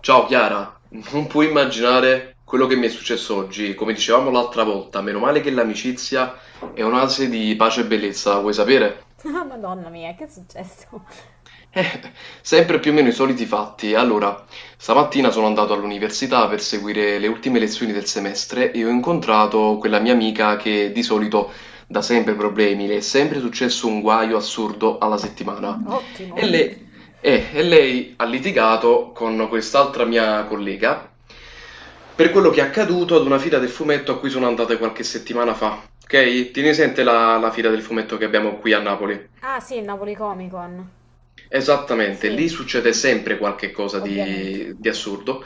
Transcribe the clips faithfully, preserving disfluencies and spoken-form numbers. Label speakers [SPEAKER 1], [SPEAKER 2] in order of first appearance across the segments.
[SPEAKER 1] Ciao Chiara, non puoi immaginare quello che mi è successo oggi. Come dicevamo l'altra volta, meno male che l'amicizia è un'ase di pace e bellezza, vuoi sapere?
[SPEAKER 2] Ah, Madonna mia, che è successo?
[SPEAKER 1] Eh, sempre più o meno i soliti fatti. Allora, stamattina sono andato all'università per seguire le ultime lezioni del semestre e ho incontrato quella mia amica che di solito dà sempre problemi, le è sempre successo un guaio assurdo alla settimana.
[SPEAKER 2] Ottimo.
[SPEAKER 1] E lei, eh, e lei ha litigato con quest'altra mia collega per quello che è accaduto ad una fila del fumetto a cui sono andate qualche settimana fa. Ok? Tieni presente la la fila del fumetto che abbiamo qui a Napoli.
[SPEAKER 2] Ah sì, il Napoli Comic Con.
[SPEAKER 1] Esattamente,
[SPEAKER 2] Sì,
[SPEAKER 1] lì succede sempre qualche cosa
[SPEAKER 2] ovviamente.
[SPEAKER 1] di, di assurdo,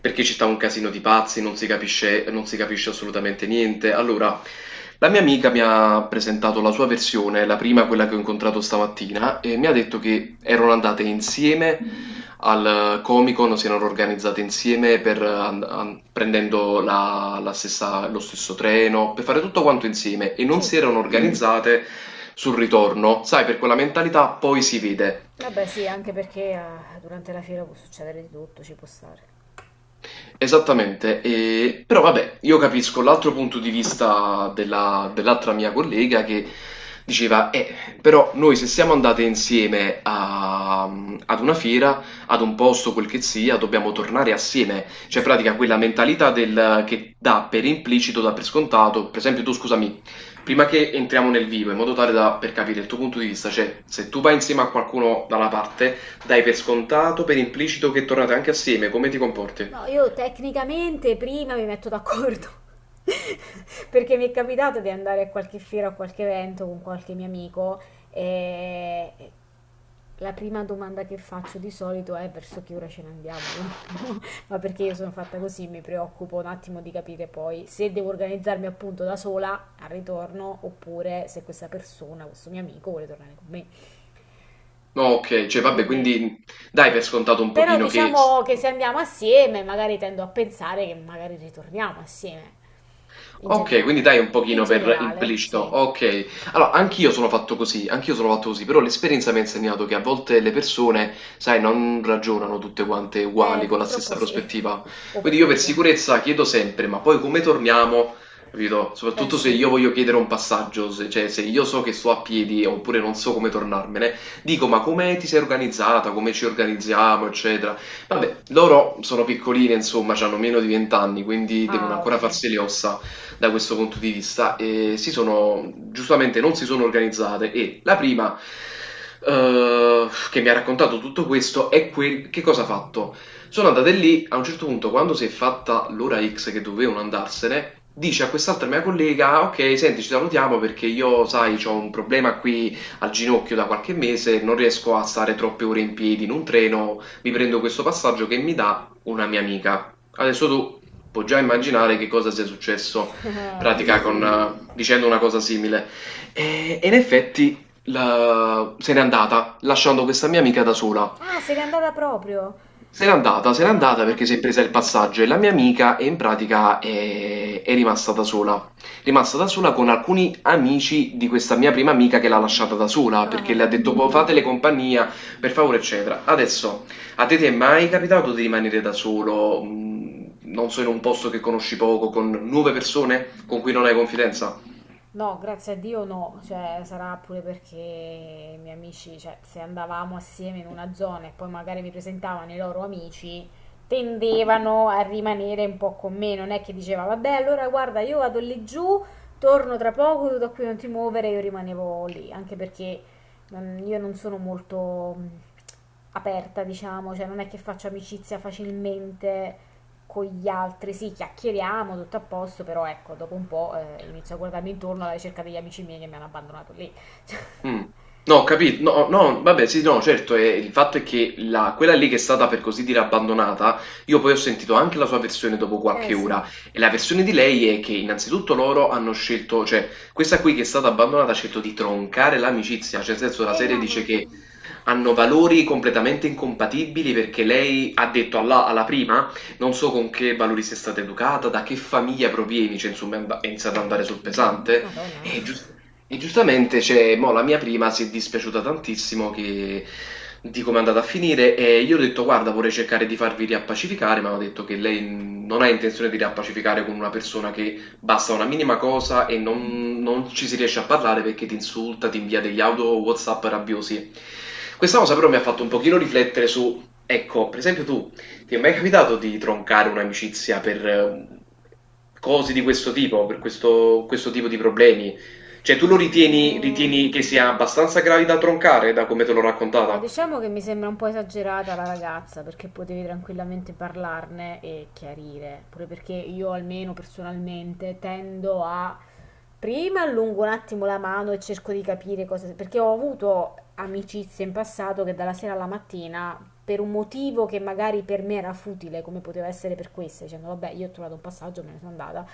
[SPEAKER 1] perché ci sta un casino di pazzi, non si capisce, non si capisce assolutamente niente. Allora, la mia amica mi ha presentato la sua versione, la prima, quella che ho incontrato stamattina, e mi ha detto che erano andate insieme al Comic Con, si erano organizzate insieme per, eh, an- an- prendendo la- la stessa- lo stesso treno, per fare tutto quanto insieme e non
[SPEAKER 2] Sì.
[SPEAKER 1] si erano Mm. organizzate sul ritorno. Sai, per quella mentalità poi si vede.
[SPEAKER 2] Vabbè sì, anche perché eh, durante la fiera può succedere di tutto, ci può stare.
[SPEAKER 1] Esattamente, e- però vabbè, io capisco l'altro punto di vista della- dell'altra mia collega che diceva, eh, però noi se siamo andate insieme a- ad una fiera, ad un posto, quel che sia, dobbiamo tornare assieme. Cioè, in pratica, quella mentalità del, che dà per implicito, dà per scontato. Per esempio, tu scusami, prima che entriamo nel vivo, in modo tale da, per capire il tuo punto di vista, cioè, se tu vai insieme a qualcuno da una parte, dai per scontato, per implicito che tornate anche assieme, come ti comporti?
[SPEAKER 2] No, io tecnicamente prima mi metto d'accordo, perché mi è capitato di andare a qualche fiera o a qualche evento con qualche mio amico e la prima domanda che faccio di solito è verso che ora ce ne andiamo di nuovo, ma perché io sono fatta così, mi preoccupo un attimo di capire poi se devo organizzarmi appunto da sola al ritorno oppure se questa persona, questo mio amico vuole tornare con me.
[SPEAKER 1] No, okay, cioè vabbè
[SPEAKER 2] Quindi
[SPEAKER 1] quindi dai per scontato un
[SPEAKER 2] però
[SPEAKER 1] pochino. Che
[SPEAKER 2] diciamo
[SPEAKER 1] s
[SPEAKER 2] che se andiamo assieme, magari tendo a pensare che magari ritorniamo assieme, in
[SPEAKER 1] Okay, quindi dai
[SPEAKER 2] generale.
[SPEAKER 1] un
[SPEAKER 2] In
[SPEAKER 1] pochino per
[SPEAKER 2] generale, sì.
[SPEAKER 1] implicito. Okay. Allora, anch'io sono fatto così, anch'io sono fatto così, però l'esperienza mi ha insegnato che a volte le persone, sai, non ragionano tutte quante
[SPEAKER 2] Eh,
[SPEAKER 1] uguali, con la stessa
[SPEAKER 2] purtroppo sì.
[SPEAKER 1] prospettiva.
[SPEAKER 2] O per
[SPEAKER 1] Quindi io per
[SPEAKER 2] fortuna.
[SPEAKER 1] sicurezza chiedo sempre, ma poi come torniamo? Capito?
[SPEAKER 2] Eh
[SPEAKER 1] Soprattutto se
[SPEAKER 2] sì.
[SPEAKER 1] io voglio chiedere un passaggio, se, cioè se io so che sto a piedi oppure non so come tornarmene, dico, ma come ti sei organizzata, come ci organizziamo, eccetera. Vabbè, loro sono piccoline, insomma, hanno meno di venti anni, quindi devono
[SPEAKER 2] Ah,
[SPEAKER 1] ancora
[SPEAKER 2] ok.
[SPEAKER 1] farsi le ossa da questo punto di vista e si sono giustamente non si sono organizzate e la prima eh, che mi ha raccontato tutto questo è quel che cosa ha fatto. Sono andate lì, a un certo punto quando si è fatta l'ora X che dovevano andarsene, dice a quest'altra mia collega, "Ah, ok, senti, ci salutiamo perché io, sai, ho un problema qui al ginocchio da qualche mese, non riesco a stare troppe ore in piedi in un treno, mi prendo questo passaggio che mi dà una mia amica." Adesso tu puoi già immaginare che cosa sia successo pratica
[SPEAKER 2] Posso-
[SPEAKER 1] con, eh, dicendo una cosa simile. E, e in effetti la- se n'è andata, lasciando questa mia amica da sola.
[SPEAKER 2] Ah, se n'è andata proprio.
[SPEAKER 1] Se n'è andata, se n'è andata
[SPEAKER 2] Ah,
[SPEAKER 1] perché si è presa il passaggio e la mia amica e in pratica è, è rimasta da sola. Rimasta da sola con alcuni amici di questa mia prima amica che l'ha lasciata da sola perché
[SPEAKER 2] ah.
[SPEAKER 1] le ha detto "Boh, fatele compagnia, per favore, eccetera." Adesso, a te ti è mai capitato di rimanere da solo, mh, non so, in un posto che conosci poco, con nuove persone con cui non hai confidenza?
[SPEAKER 2] No, grazie a Dio no, cioè sarà pure perché i miei amici, cioè se andavamo assieme in una zona e poi magari mi presentavano i loro amici, tendevano a rimanere un po' con me, non è che diceva vabbè allora guarda io vado lì giù, torno tra poco, tu da qui non ti muovere, io rimanevo lì, anche perché non- io non sono molto mh, aperta, diciamo, cioè non è che faccio amicizia facilmente, con gli altri, sì, chiacchieriamo, tutto a posto, però ecco, dopo un po' eh, inizio a guardarmi intorno alla ricerca degli amici miei che mi hanno abbandonato lì.
[SPEAKER 1] Mh. No, ho capi no, no, vabbè sì, no, certo, ehm, il fatto è che la quella lì che è stata per così dire abbandonata, io poi ho sentito anche la sua versione dopo
[SPEAKER 2] Eh
[SPEAKER 1] qualche
[SPEAKER 2] sì.
[SPEAKER 1] ora e la versione di lei è che innanzitutto loro hanno scelto cioè questa qui che è stata abbandonata ha scelto di troncare l'amicizia, cioè nel senso la
[SPEAKER 2] E
[SPEAKER 1] serie
[SPEAKER 2] la
[SPEAKER 1] dice che
[SPEAKER 2] madonna.
[SPEAKER 1] hanno valori completamente incompatibili perché lei ha detto alla, alla prima non so con che valori sei stata educata, da che famiglia provieni, cioè insomma è and- è iniziato
[SPEAKER 2] La
[SPEAKER 1] ad andare sul
[SPEAKER 2] ma-
[SPEAKER 1] pesante
[SPEAKER 2] madonna.
[SPEAKER 1] e, gius- e giustamente cioè, mo, la mia prima si è dispiaciuta tantissimo che- di come è andata a finire e io ho detto guarda vorrei cercare di farvi riappacificare, ma hanno detto che lei non ha intenzione di riappacificare con una persona che basta una minima cosa e non, non ci si riesce a parlare perché ti insulta, ti invia degli audio WhatsApp rabbiosi. Questa cosa
[SPEAKER 2] Madonna.
[SPEAKER 1] però mi ha fatto un pochino riflettere su, ecco, per esempio tu, ti è mai capitato di troncare un'amicizia per eh, cose di questo tipo, per questo, questo tipo di problemi? Cioè, tu lo ritieni,
[SPEAKER 2] Eh,
[SPEAKER 1] ritieni che sia abbastanza gravi da troncare, da come te l'ho
[SPEAKER 2] No,
[SPEAKER 1] raccontata?
[SPEAKER 2] diciamo che mi sembra un po' esagerata la ragazza perché potevi tranquillamente parlarne e chiarire, pure perché io almeno personalmente tendo a prima allungo un attimo la mano e cerco di capire cosa, perché ho avuto amicizie in passato che dalla sera alla mattina per un motivo che magari per me era futile, come poteva essere per questa, dicendo vabbè io ho trovato un passaggio, me ne sono andata,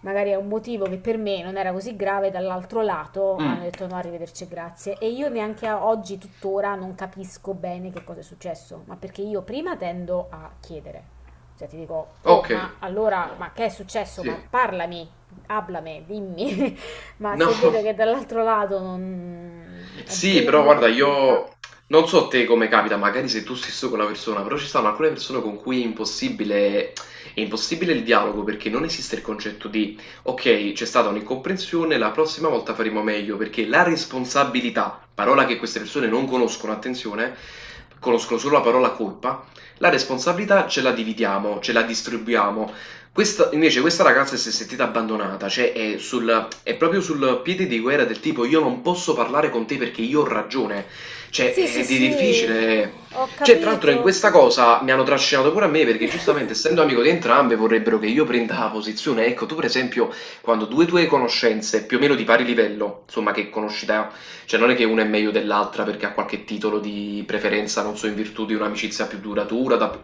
[SPEAKER 2] magari è un motivo che per me non era così grave, dall'altro lato
[SPEAKER 1] Mm,
[SPEAKER 2] hanno detto no, arrivederci, grazie. E io neanche a oggi, tuttora, non capisco bene che cosa è successo, ma perché io prima tendo a chiedere. Cioè ti dico, oh,
[SPEAKER 1] ok,
[SPEAKER 2] ma allora, ma che è successo? Ma
[SPEAKER 1] sì.
[SPEAKER 2] parlami, hablame, dimmi. Ma
[SPEAKER 1] No.
[SPEAKER 2] se vedo che dall'altro lato non è un
[SPEAKER 1] Sì,
[SPEAKER 2] pu-
[SPEAKER 1] però
[SPEAKER 2] muro
[SPEAKER 1] guarda,
[SPEAKER 2] di pietra.
[SPEAKER 1] io non so te come capita, magari sei tu stesso con la persona, però ci sono alcune persone con cui è impossibile, è impossibile il dialogo perché non esiste il concetto di ok, c'è stata un'incomprensione, la prossima volta faremo meglio, perché la responsabilità, parola che queste persone non conoscono, attenzione, conoscono solo la parola colpa, la responsabilità ce la dividiamo, ce la distribuiamo. Questa, invece questa ragazza si è sentita abbandonata, cioè è sul, è proprio sul piede di guerra del tipo io non posso parlare con te perché io ho ragione. Cioè,
[SPEAKER 2] Sì, sì,
[SPEAKER 1] è di
[SPEAKER 2] sì,
[SPEAKER 1] difficile.
[SPEAKER 2] ho
[SPEAKER 1] Cioè, tra l'altro in
[SPEAKER 2] capito.
[SPEAKER 1] questa cosa mi hanno trascinato pure a me perché giustamente essendo amico di entrambe vorrebbero che io prenda la posizione. Ecco, tu per esempio, quando due tue conoscenze più o meno di pari livello, insomma che conosci da, cioè non è che una è meglio dell'altra perché ha qualche titolo di preferenza, non so, in virtù di un'amicizia più duratura, da-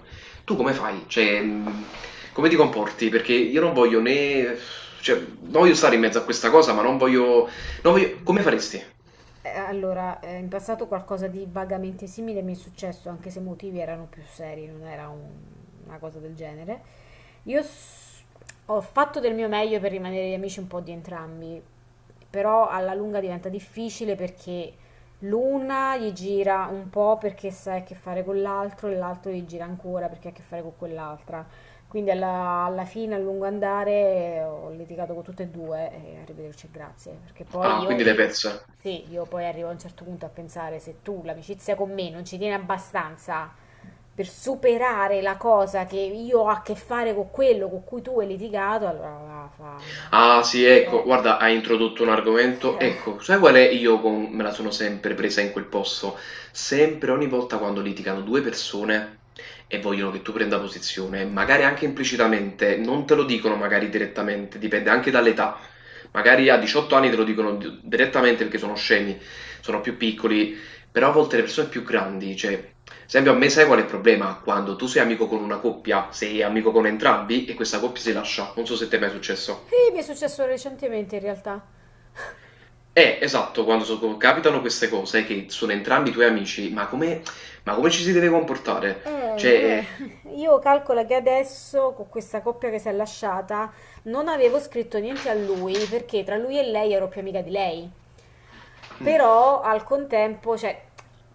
[SPEAKER 1] tu come fai? Cioè, mhmm, come ti comporti? Perché io non voglio né cioè, non voglio stare in mezzo a questa cosa, ma non voglio non voglio come faresti?
[SPEAKER 2] Eh, Allora, eh, in passato qualcosa di vagamente simile mi è successo, anche se i motivi erano più seri, non era un- una cosa del genere. Io s- ho fatto del mio meglio per rimanere gli amici un po' di entrambi, però alla lunga diventa difficile perché l'una gli gira un po' perché sa che ha a che fare con l'altro e l'altro gli gira ancora perché ha a che fare con quell'altra. Quindi alla, alla fine, a lungo andare, ho litigato con tutte e due e arrivederci e grazie, perché poi
[SPEAKER 1] Ah,
[SPEAKER 2] io,
[SPEAKER 1] quindi l'hai
[SPEAKER 2] io-
[SPEAKER 1] persa.
[SPEAKER 2] sì, io poi arrivo a un certo punto a pensare se tu l'amicizia con me non ci tieni abbastanza per superare la cosa che io ho a che fare con quello con cui tu hai litigato, allora va, fa.
[SPEAKER 1] Ah sì, ecco,
[SPEAKER 2] Eh.
[SPEAKER 1] guarda, hai introdotto un argomento.
[SPEAKER 2] Eh.
[SPEAKER 1] Ecco, sai qual è? Io con- me la sono sempre presa in quel posto. Sempre, ogni volta quando litigano due persone e vogliono che tu prenda posizione, magari anche implicitamente, non te lo dicono magari direttamente, dipende anche dall'età. Magari a diciotto anni te lo dicono di- direttamente perché sono scemi, sono più piccoli, però a volte le persone più grandi, cioè, ad esempio a me sai qual è il problema? Quando tu sei amico con una coppia, sei amico con entrambi e questa coppia si lascia. Non so se ti è mai successo.
[SPEAKER 2] E mi è successo recentemente in realtà.
[SPEAKER 1] Eh, esatto, quando so- capitano queste cose che sono entrambi i tuoi amici, ma come, ma come ci si deve comportare? Cioè, eh,
[SPEAKER 2] Eh, eh, io calcolo che adesso con questa coppia che si è lasciata non avevo scritto niente a lui perché tra lui e lei ero più amica di lei.
[SPEAKER 1] mm.
[SPEAKER 2] Però al contempo, cioè,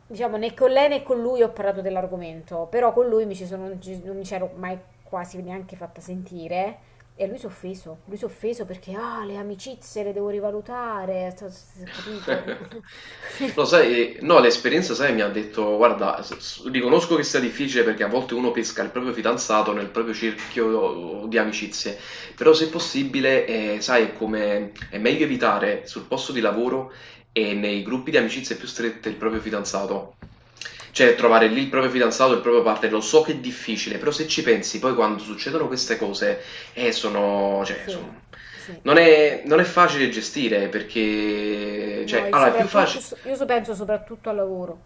[SPEAKER 2] diciamo, né con lei né con lui ho parlato dell'argomento, però con lui mi ci sono, non ci- non mi c'ero mai quasi neanche fatta sentire e lui si è offeso, lui si è offeso perché ah, le amicizie le devo rivalutare, sto- sto- capito?
[SPEAKER 1] Lo sai, no, l'esperienza, sai, mi ha detto, guarda, s- s- riconosco che sia difficile perché a volte uno pesca il proprio fidanzato nel proprio cerchio uh, di amicizie, però se possibile, eh, sai, è come, è meglio evitare sul posto di lavoro e nei gruppi di amicizie più strette il proprio fidanzato. Cioè, trovare lì il proprio fidanzato, il proprio partner, lo so che è difficile, però se ci pensi, poi quando succedono queste cose, eh, sono, cioè,
[SPEAKER 2] Sì,
[SPEAKER 1] sono-
[SPEAKER 2] sì.
[SPEAKER 1] non è, non è facile gestire perché,
[SPEAKER 2] No,
[SPEAKER 1] cioè,
[SPEAKER 2] il
[SPEAKER 1] allora, è più
[SPEAKER 2] soprattutto,
[SPEAKER 1] facile,
[SPEAKER 2] so, io so- penso soprattutto al lavoro.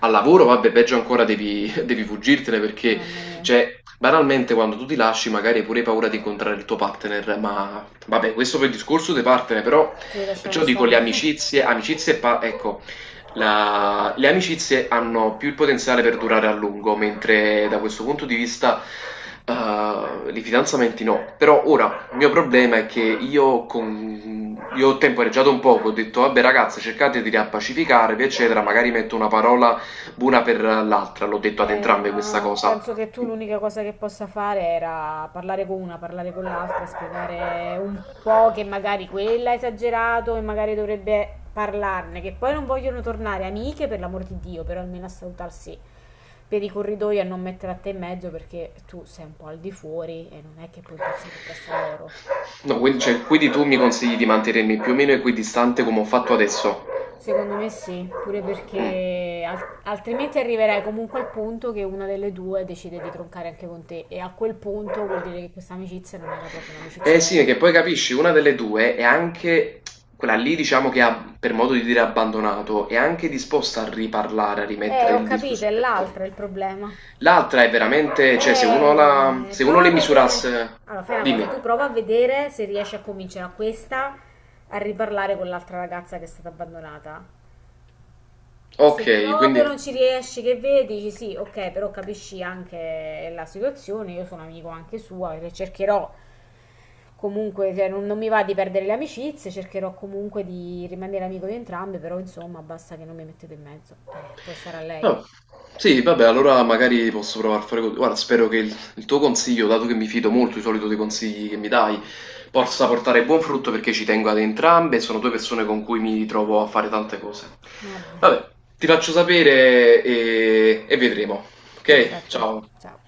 [SPEAKER 1] al lavoro, vabbè, peggio ancora devi, devi fuggirtene perché,
[SPEAKER 2] Mamma mia.
[SPEAKER 1] cioè, banalmente quando tu ti lasci magari hai pure paura di incontrare il tuo partner, ma vabbè, questo per il discorso dei partner, però,
[SPEAKER 2] Sì, lasciamo
[SPEAKER 1] perciò dico le
[SPEAKER 2] stare.
[SPEAKER 1] amicizie, amicizie, e pa- ecco, la- le amicizie hanno più il potenziale per durare a lungo, mentre da questo punto di vista, eh, i fidanzamenti no, però ora il mio problema è che io, con... io ho temporeggiato un poco, ho detto vabbè ragazze cercate di riappacificarvi eccetera, magari metto una parola buona per l'altra, l'ho detto ad
[SPEAKER 2] Eh,
[SPEAKER 1] entrambe questa
[SPEAKER 2] ma
[SPEAKER 1] cosa.
[SPEAKER 2] penso che tu l'unica cosa che possa fare era parlare con una, parlare con l'altra, spiegare un po' che magari quella ha esagerato e magari dovrebbe parlarne, che poi non vogliono tornare amiche per l'amor di Dio, però almeno a salutarsi per i corridoi e a non mettere a te in mezzo perché tu sei un po' al di fuori e non è che puoi impazzire appresso a loro.
[SPEAKER 1] No, quindi,
[SPEAKER 2] Cioè,
[SPEAKER 1] cioè, quindi tu mi consigli di mantenermi più o meno equidistante come ho fatto adesso?
[SPEAKER 2] secondo me sì, pure
[SPEAKER 1] Mm.
[SPEAKER 2] perché al- altrimenti arriverai comunque al punto che una delle due decide di troncare anche con te e a quel punto vuol dire che questa amicizia non era proprio un'amicizia
[SPEAKER 1] Eh sì,
[SPEAKER 2] vera.
[SPEAKER 1] che poi capisci, una delle due è anche quella lì, diciamo che ha, per modo di dire, abbandonato, è anche disposta a riparlare, a
[SPEAKER 2] Eh,
[SPEAKER 1] rimettere
[SPEAKER 2] ho
[SPEAKER 1] il
[SPEAKER 2] capito,
[SPEAKER 1] discorso
[SPEAKER 2] è
[SPEAKER 1] in mezzo.
[SPEAKER 2] l'altra il problema.
[SPEAKER 1] L'altra è veramente, cioè, se uno la,
[SPEAKER 2] Eh,
[SPEAKER 1] se uno
[SPEAKER 2] prova a
[SPEAKER 1] le
[SPEAKER 2] vedere.
[SPEAKER 1] misurasse,
[SPEAKER 2] Allora, fai una
[SPEAKER 1] dimmi,
[SPEAKER 2] cosa, tu prova a vedere se riesci a convincere a questa a riparlare con l'altra ragazza che è stata abbandonata.
[SPEAKER 1] ok,
[SPEAKER 2] Se proprio
[SPEAKER 1] quindi.
[SPEAKER 2] non ci riesci, che vedi, dici sì, ok, però capisci anche la situazione, io sono amico anche sua, perché cercherò comunque, cioè, non, non mi va di perdere le amicizie, cercherò comunque di rimanere amico di entrambi, però insomma basta che non mi mettete in mezzo. Eh, poi sarà lei.
[SPEAKER 1] Ah, sì, vabbè, allora magari posso provare a fare così. Guarda, spero che il, il tuo consiglio, dato che mi fido molto di solito dei consigli che mi dai, possa portare buon frutto perché ci tengo ad entrambe, sono due persone con cui mi trovo a fare tante cose.
[SPEAKER 2] Va bene,
[SPEAKER 1] Vabbè, ti faccio sapere e, e vedremo. Ok,
[SPEAKER 2] perfetto,
[SPEAKER 1] ciao.
[SPEAKER 2] ciao.